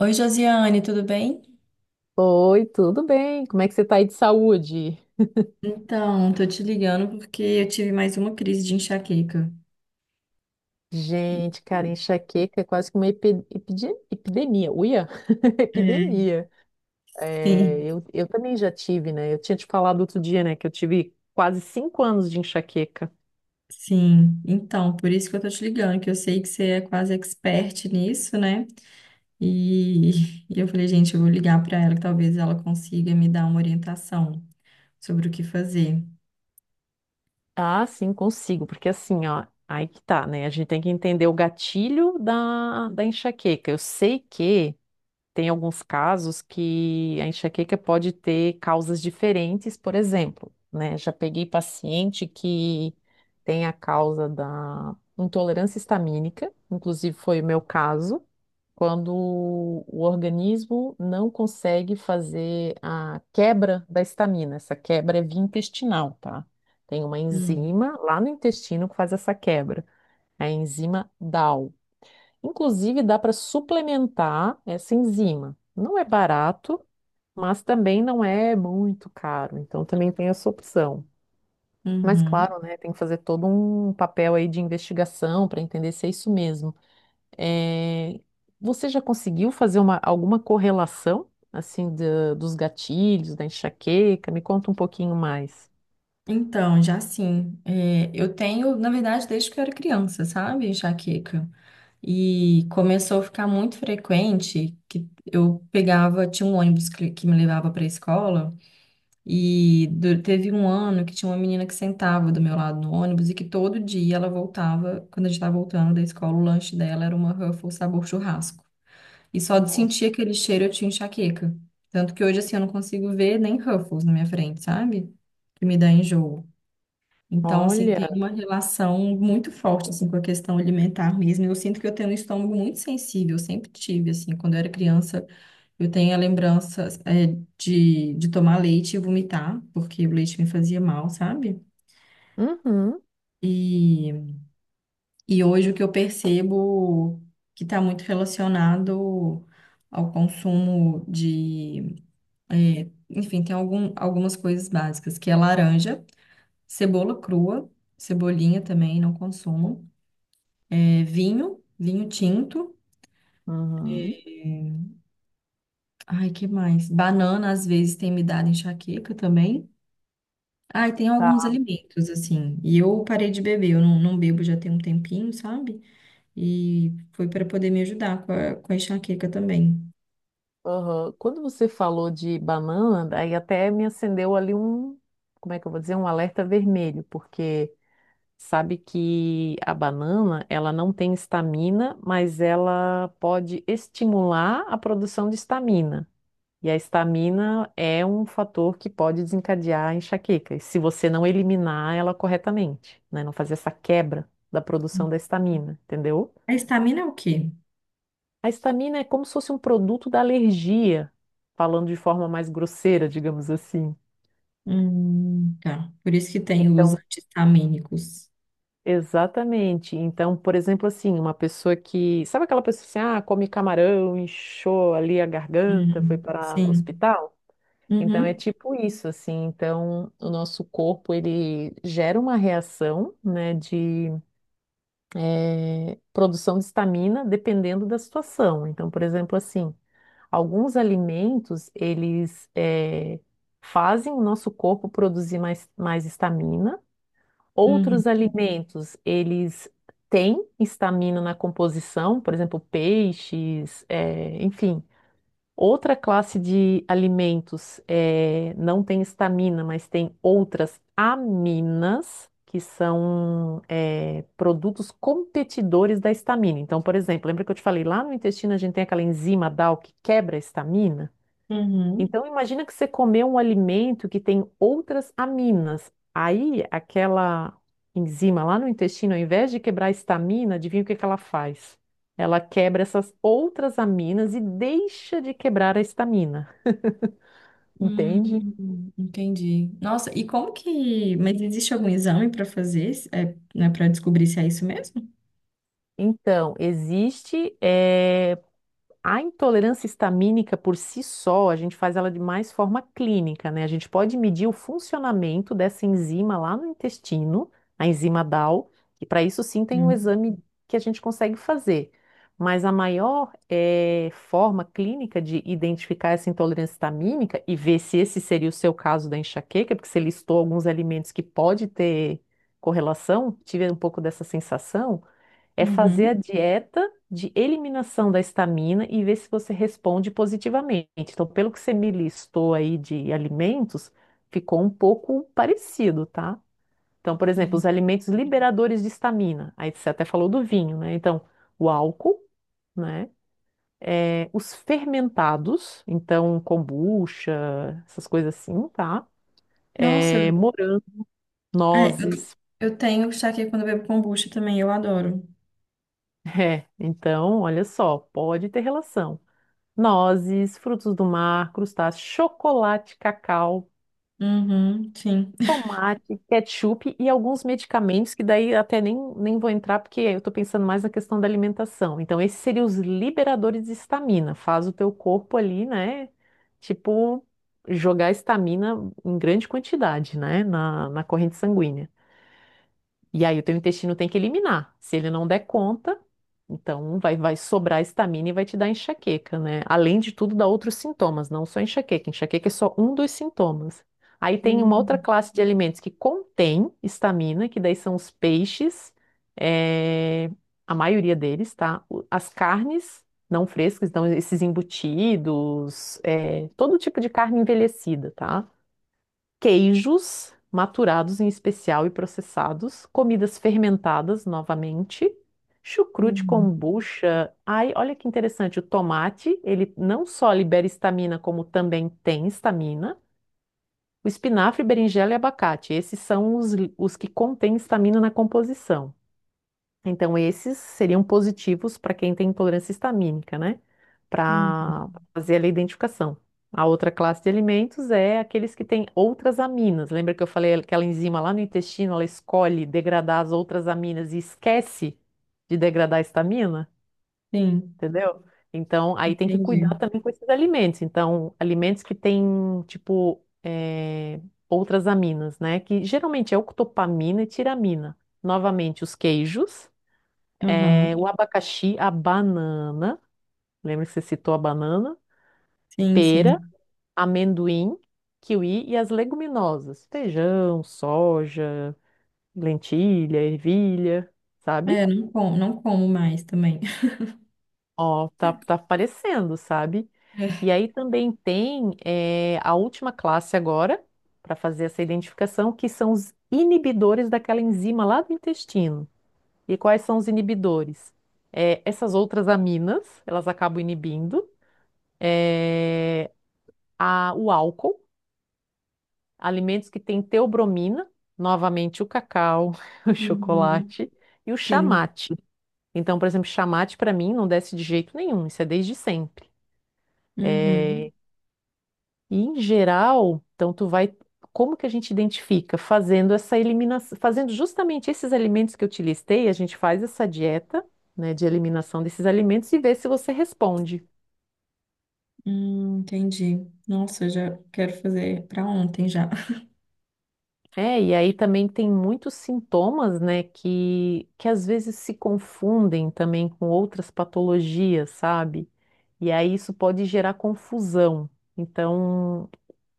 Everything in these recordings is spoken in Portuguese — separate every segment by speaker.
Speaker 1: Oi, Josiane, tudo bem?
Speaker 2: Oi, tudo bem? Como é que você tá aí de saúde?
Speaker 1: Então, tô te ligando porque eu tive mais uma crise de enxaqueca.
Speaker 2: Gente, cara, enxaqueca é quase que uma epidemia. Uia!
Speaker 1: É,
Speaker 2: Epidemia. É,
Speaker 1: sim,
Speaker 2: eu também já tive, né? Eu tinha te falado outro dia, né, que eu tive quase 5 anos de enxaqueca.
Speaker 1: sim. Então, por isso que eu tô te ligando, que eu sei que você é quase expert nisso, né? E, e eu falei, gente, eu vou ligar pra ela que talvez ela consiga me dar uma orientação sobre o que fazer.
Speaker 2: Ah, sim, consigo, porque assim, ó, aí que tá, né? A gente tem que entender o gatilho da enxaqueca. Eu sei que tem alguns casos que a enxaqueca pode ter causas diferentes, por exemplo, né? Já peguei paciente que tem a causa da intolerância histamínica, inclusive foi o meu caso, quando o organismo não consegue fazer a quebra da histamina. Essa quebra é via intestinal, tá? Tem uma
Speaker 1: Hum,
Speaker 2: enzima lá no intestino que faz essa quebra, a enzima DAL. Inclusive, dá para suplementar essa enzima. Não é barato, mas também não é muito caro. Então, também tem essa opção. Mas,
Speaker 1: uhum.
Speaker 2: claro, né, tem que fazer todo um papel aí de investigação para entender se é isso mesmo. É, você já conseguiu fazer alguma correlação, assim, dos gatilhos, da enxaqueca? Me conta um pouquinho mais.
Speaker 1: Então, já sim, é, eu tenho, na verdade, desde que eu era criança, sabe, enxaqueca. E começou a ficar muito frequente que eu pegava, tinha um ônibus que me levava para a escola, e teve um ano que tinha uma menina que sentava do meu lado no ônibus e que todo dia ela voltava, quando a gente estava voltando da escola, o lanche dela era uma Ruffles sabor churrasco. E só de
Speaker 2: Nossa.
Speaker 1: sentir aquele cheiro eu tinha enxaqueca. Tanto que hoje assim eu não consigo ver nem Ruffles na minha frente, sabe? Que me dá enjoo. Então, assim, tem
Speaker 2: Olha.
Speaker 1: uma relação muito forte, assim, com a questão alimentar mesmo. Eu sinto que eu tenho um estômago muito sensível, eu sempre tive, assim, quando eu era criança, eu tenho a lembrança, é, de tomar leite e vomitar, porque o leite me fazia mal, sabe?
Speaker 2: Uhum.
Speaker 1: E, e hoje o que eu percebo que está muito relacionado ao consumo de, é, enfim, tem algumas coisas básicas, que é laranja, cebola crua, cebolinha também, não consumo. É, vinho, vinho tinto.
Speaker 2: Uhum.
Speaker 1: É, ai, que mais? Banana, às vezes, tem me dado enxaqueca também. Ai, tem alguns alimentos, assim. E eu parei de beber, eu não bebo já tem um tempinho, sabe? E foi para poder me ajudar com com a enxaqueca também.
Speaker 2: Aham. Quando você falou de banana, aí até me acendeu ali um, como é que eu vou dizer, um alerta vermelho, porque sabe que a banana, ela não tem estamina, mas ela pode estimular a produção de estamina. E a estamina é um fator que pode desencadear a enxaqueca, e se você não eliminar ela corretamente, né? Não fazer essa quebra da produção da estamina, entendeu?
Speaker 1: A estamina é o quê?
Speaker 2: A histamina é como se fosse um produto da alergia, falando de forma mais grosseira, digamos assim.
Speaker 1: Tá. Por isso que tem os
Speaker 2: Então,
Speaker 1: anti-histamínicos.
Speaker 2: exatamente. Então, por exemplo, assim, uma pessoa que. Sabe aquela pessoa assim, ah, come camarão, inchou ali a garganta, foi parar no
Speaker 1: Sim.
Speaker 2: hospital? Então, é
Speaker 1: Uhum,
Speaker 2: tipo isso, assim. Então, o nosso corpo, ele gera uma reação, né, de produção de histamina, dependendo da situação. Então, por exemplo, assim. Alguns alimentos, eles fazem o nosso corpo produzir mais estamina.
Speaker 1: uhum,
Speaker 2: Outros alimentos, eles têm estamina na composição, por exemplo, peixes, enfim. Outra classe de alimentos não tem estamina, mas tem outras aminas, que são produtos competidores da estamina. Então, por exemplo, lembra que eu te falei, lá no intestino a gente tem aquela enzima DAL que quebra a estamina?
Speaker 1: uhum.
Speaker 2: Então, imagina que você comeu um alimento que tem outras aminas. Aí, aquela enzima lá no intestino, ao invés de quebrar a histamina, adivinha o que que ela faz? Ela quebra essas outras aminas e deixa de quebrar a histamina, entende?
Speaker 1: Entendi. Nossa, e como que. Mas existe algum exame para fazer, é, né, para descobrir se é isso mesmo?
Speaker 2: Então, existe a intolerância histamínica por si só, a gente faz ela de mais forma clínica, né? A gente pode medir o funcionamento dessa enzima lá no intestino, a enzima DAO, e para isso sim tem um
Speaker 1: Hum.
Speaker 2: exame que a gente consegue fazer. Mas a maior forma clínica de identificar essa intolerância histamínica e ver se esse seria o seu caso da enxaqueca, porque você listou alguns alimentos que pode ter correlação, tive um pouco dessa sensação. É fazer a
Speaker 1: Uhum,
Speaker 2: dieta de eliminação da histamina e ver se você responde positivamente. Então, pelo que você me listou aí de alimentos, ficou um pouco parecido, tá? Então, por exemplo,
Speaker 1: uhum.
Speaker 2: os alimentos liberadores de histamina. Aí você até falou do vinho, né? Então, o álcool, né? É, os fermentados, então kombucha, essas coisas assim, tá?
Speaker 1: Nossa,
Speaker 2: É, morango,
Speaker 1: é,
Speaker 2: nozes.
Speaker 1: eu tenho aqui quando eu bebo kombucha também, eu adoro.
Speaker 2: É, então, olha só, pode ter relação. Nozes, frutos do mar, crustáceos, chocolate, cacau,
Speaker 1: Uhum, sim.
Speaker 2: tomate, ketchup e alguns medicamentos que daí até nem vou entrar porque eu estou pensando mais na questão da alimentação. Então, esses seriam os liberadores de estamina. Faz o teu corpo ali, né? Tipo, jogar estamina em grande quantidade, né? Na corrente sanguínea. E aí o teu intestino tem que eliminar. Se ele não der conta, então vai sobrar estamina e vai te dar enxaqueca, né? Além de tudo, dá outros sintomas, não só enxaqueca. Enxaqueca é só um dos sintomas. Aí tem uma outra
Speaker 1: Hum,
Speaker 2: classe de alimentos que contém estamina, que daí são os peixes, eh, a maioria deles, tá? As carnes não frescas, então esses embutidos, todo tipo de carne envelhecida, tá? Queijos maturados em especial e processados, comidas fermentadas novamente, chucrute,
Speaker 1: uhum,
Speaker 2: kombucha. Ai, olha que interessante, o tomate, ele não só libera histamina, como também tem histamina. O espinafre, berinjela e abacate, esses são os que contêm histamina na composição. Então, esses seriam positivos para quem tem intolerância histamínica, né?
Speaker 1: uhum.
Speaker 2: Para fazer ali a identificação. A outra classe de alimentos é aqueles que têm outras aminas. Lembra que eu falei aquela enzima lá no intestino, ela escolhe degradar as outras aminas e esquece de degradar a histamina,
Speaker 1: Sim,
Speaker 2: entendeu? Então, aí tem que
Speaker 1: entendi.
Speaker 2: cuidar também com esses alimentos. Então, alimentos que têm, tipo, outras aminas, né? Que geralmente é octopamina e tiramina. Novamente, os queijos
Speaker 1: Aham,
Speaker 2: é, o abacaxi, a banana. Lembra que você citou a banana?
Speaker 1: sim,
Speaker 2: Pera,
Speaker 1: sim.
Speaker 2: amendoim, kiwi e as leguminosas. Feijão, soja, lentilha, ervilha, sabe?
Speaker 1: É, não como, não como mais também.
Speaker 2: Ó, tá, tá aparecendo, sabe? E
Speaker 1: É.
Speaker 2: aí também tem a última classe agora, para fazer essa identificação, que são os inibidores daquela enzima lá do intestino. E quais são os inibidores? Essas outras aminas, elas acabam inibindo. É, o álcool, alimentos que têm teobromina, novamente o cacau, o
Speaker 1: Uhum.
Speaker 2: chocolate e o
Speaker 1: Sim.
Speaker 2: chamate. Então, por exemplo, chamate para mim não desce de jeito nenhum, isso é desde sempre.
Speaker 1: Uhum.
Speaker 2: É, e em geral, então tu vai, como que a gente identifica? Fazendo essa eliminação, fazendo justamente esses alimentos que eu te listei, a gente faz essa dieta, né, de eliminação desses alimentos e vê se você responde.
Speaker 1: Entendi. Nossa, eu já quero fazer para ontem já.
Speaker 2: É, e aí também tem muitos sintomas, né, que às vezes se confundem também com outras patologias, sabe? E aí isso pode gerar confusão. Então,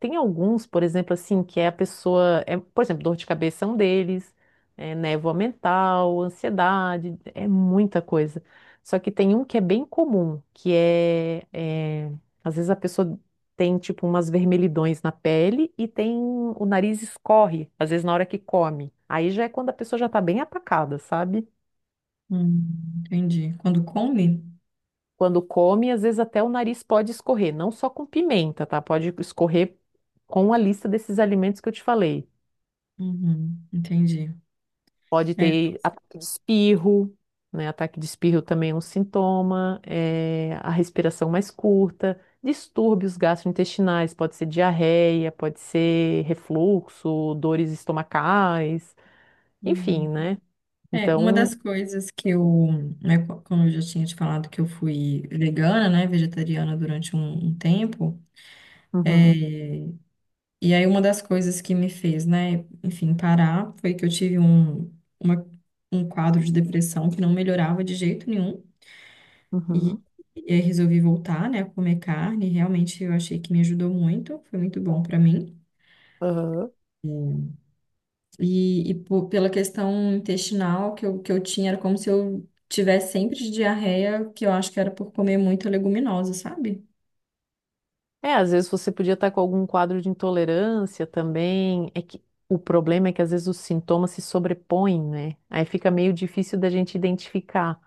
Speaker 2: tem alguns, por exemplo, assim, que é a pessoa, é, por exemplo, dor de cabeça é um deles, é, névoa mental, ansiedade, é muita coisa. Só que tem um que é bem comum, que é, às vezes a pessoa tem tipo umas vermelhidões na pele e tem o nariz escorre, às vezes na hora que come. Aí já é quando a pessoa já tá bem atacada, sabe?
Speaker 1: Hum, entendi. Quando come?
Speaker 2: Quando come, às vezes até o nariz pode escorrer, não só com pimenta, tá? Pode escorrer com a lista desses alimentos que eu te falei.
Speaker 1: Uhum, entendi.
Speaker 2: Pode
Speaker 1: É,
Speaker 2: ter ataque de espirro, né? Ataque de espirro também é um sintoma, é, a respiração mais curta, distúrbios gastrointestinais, pode ser diarreia, pode ser refluxo, dores estomacais, enfim,
Speaker 1: hum.
Speaker 2: né?
Speaker 1: É, uma das
Speaker 2: Então,
Speaker 1: coisas né, como eu já tinha te falado, que eu fui vegana, né, vegetariana durante um tempo,
Speaker 2: uhum,
Speaker 1: e aí uma das coisas que me fez, né, enfim, parar foi que eu tive uma, um quadro de depressão que não melhorava de jeito nenhum. E,
Speaker 2: uhum,
Speaker 1: e aí resolvi voltar, né, a comer carne. Realmente eu achei que me ajudou muito, foi muito bom para mim.
Speaker 2: aham.
Speaker 1: E pela questão intestinal que eu tinha, era como se eu tivesse sempre de diarreia, que eu acho que era por comer muita leguminosa, sabe?
Speaker 2: É, às vezes você podia estar com algum quadro de intolerância também. É que o problema é que às vezes os sintomas se sobrepõem, né? Aí fica meio difícil da gente identificar.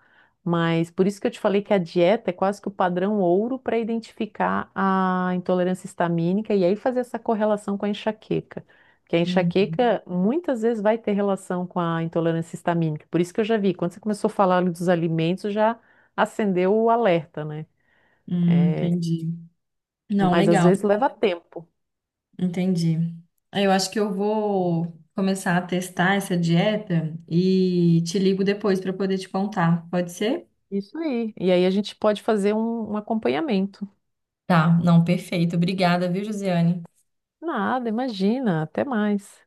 Speaker 2: Mas por isso que eu te falei que a dieta é quase que o padrão ouro para identificar a intolerância histamínica e aí fazer essa correlação com a enxaqueca. Porque a
Speaker 1: Hum,
Speaker 2: enxaqueca muitas vezes vai ter relação com a intolerância histamínica. Por isso que eu já vi, quando você começou a falar dos alimentos, já acendeu o alerta, né? É,
Speaker 1: entendi. Não,
Speaker 2: mas às
Speaker 1: legal,
Speaker 2: vezes leva tempo.
Speaker 1: entendi. Aí eu acho que eu vou começar a testar essa dieta e te ligo depois para poder te contar. Pode ser?
Speaker 2: Isso aí. E aí a gente pode fazer um acompanhamento.
Speaker 1: Tá, não, perfeito. Obrigada, viu, Josiane?
Speaker 2: Nada, imagina, até mais.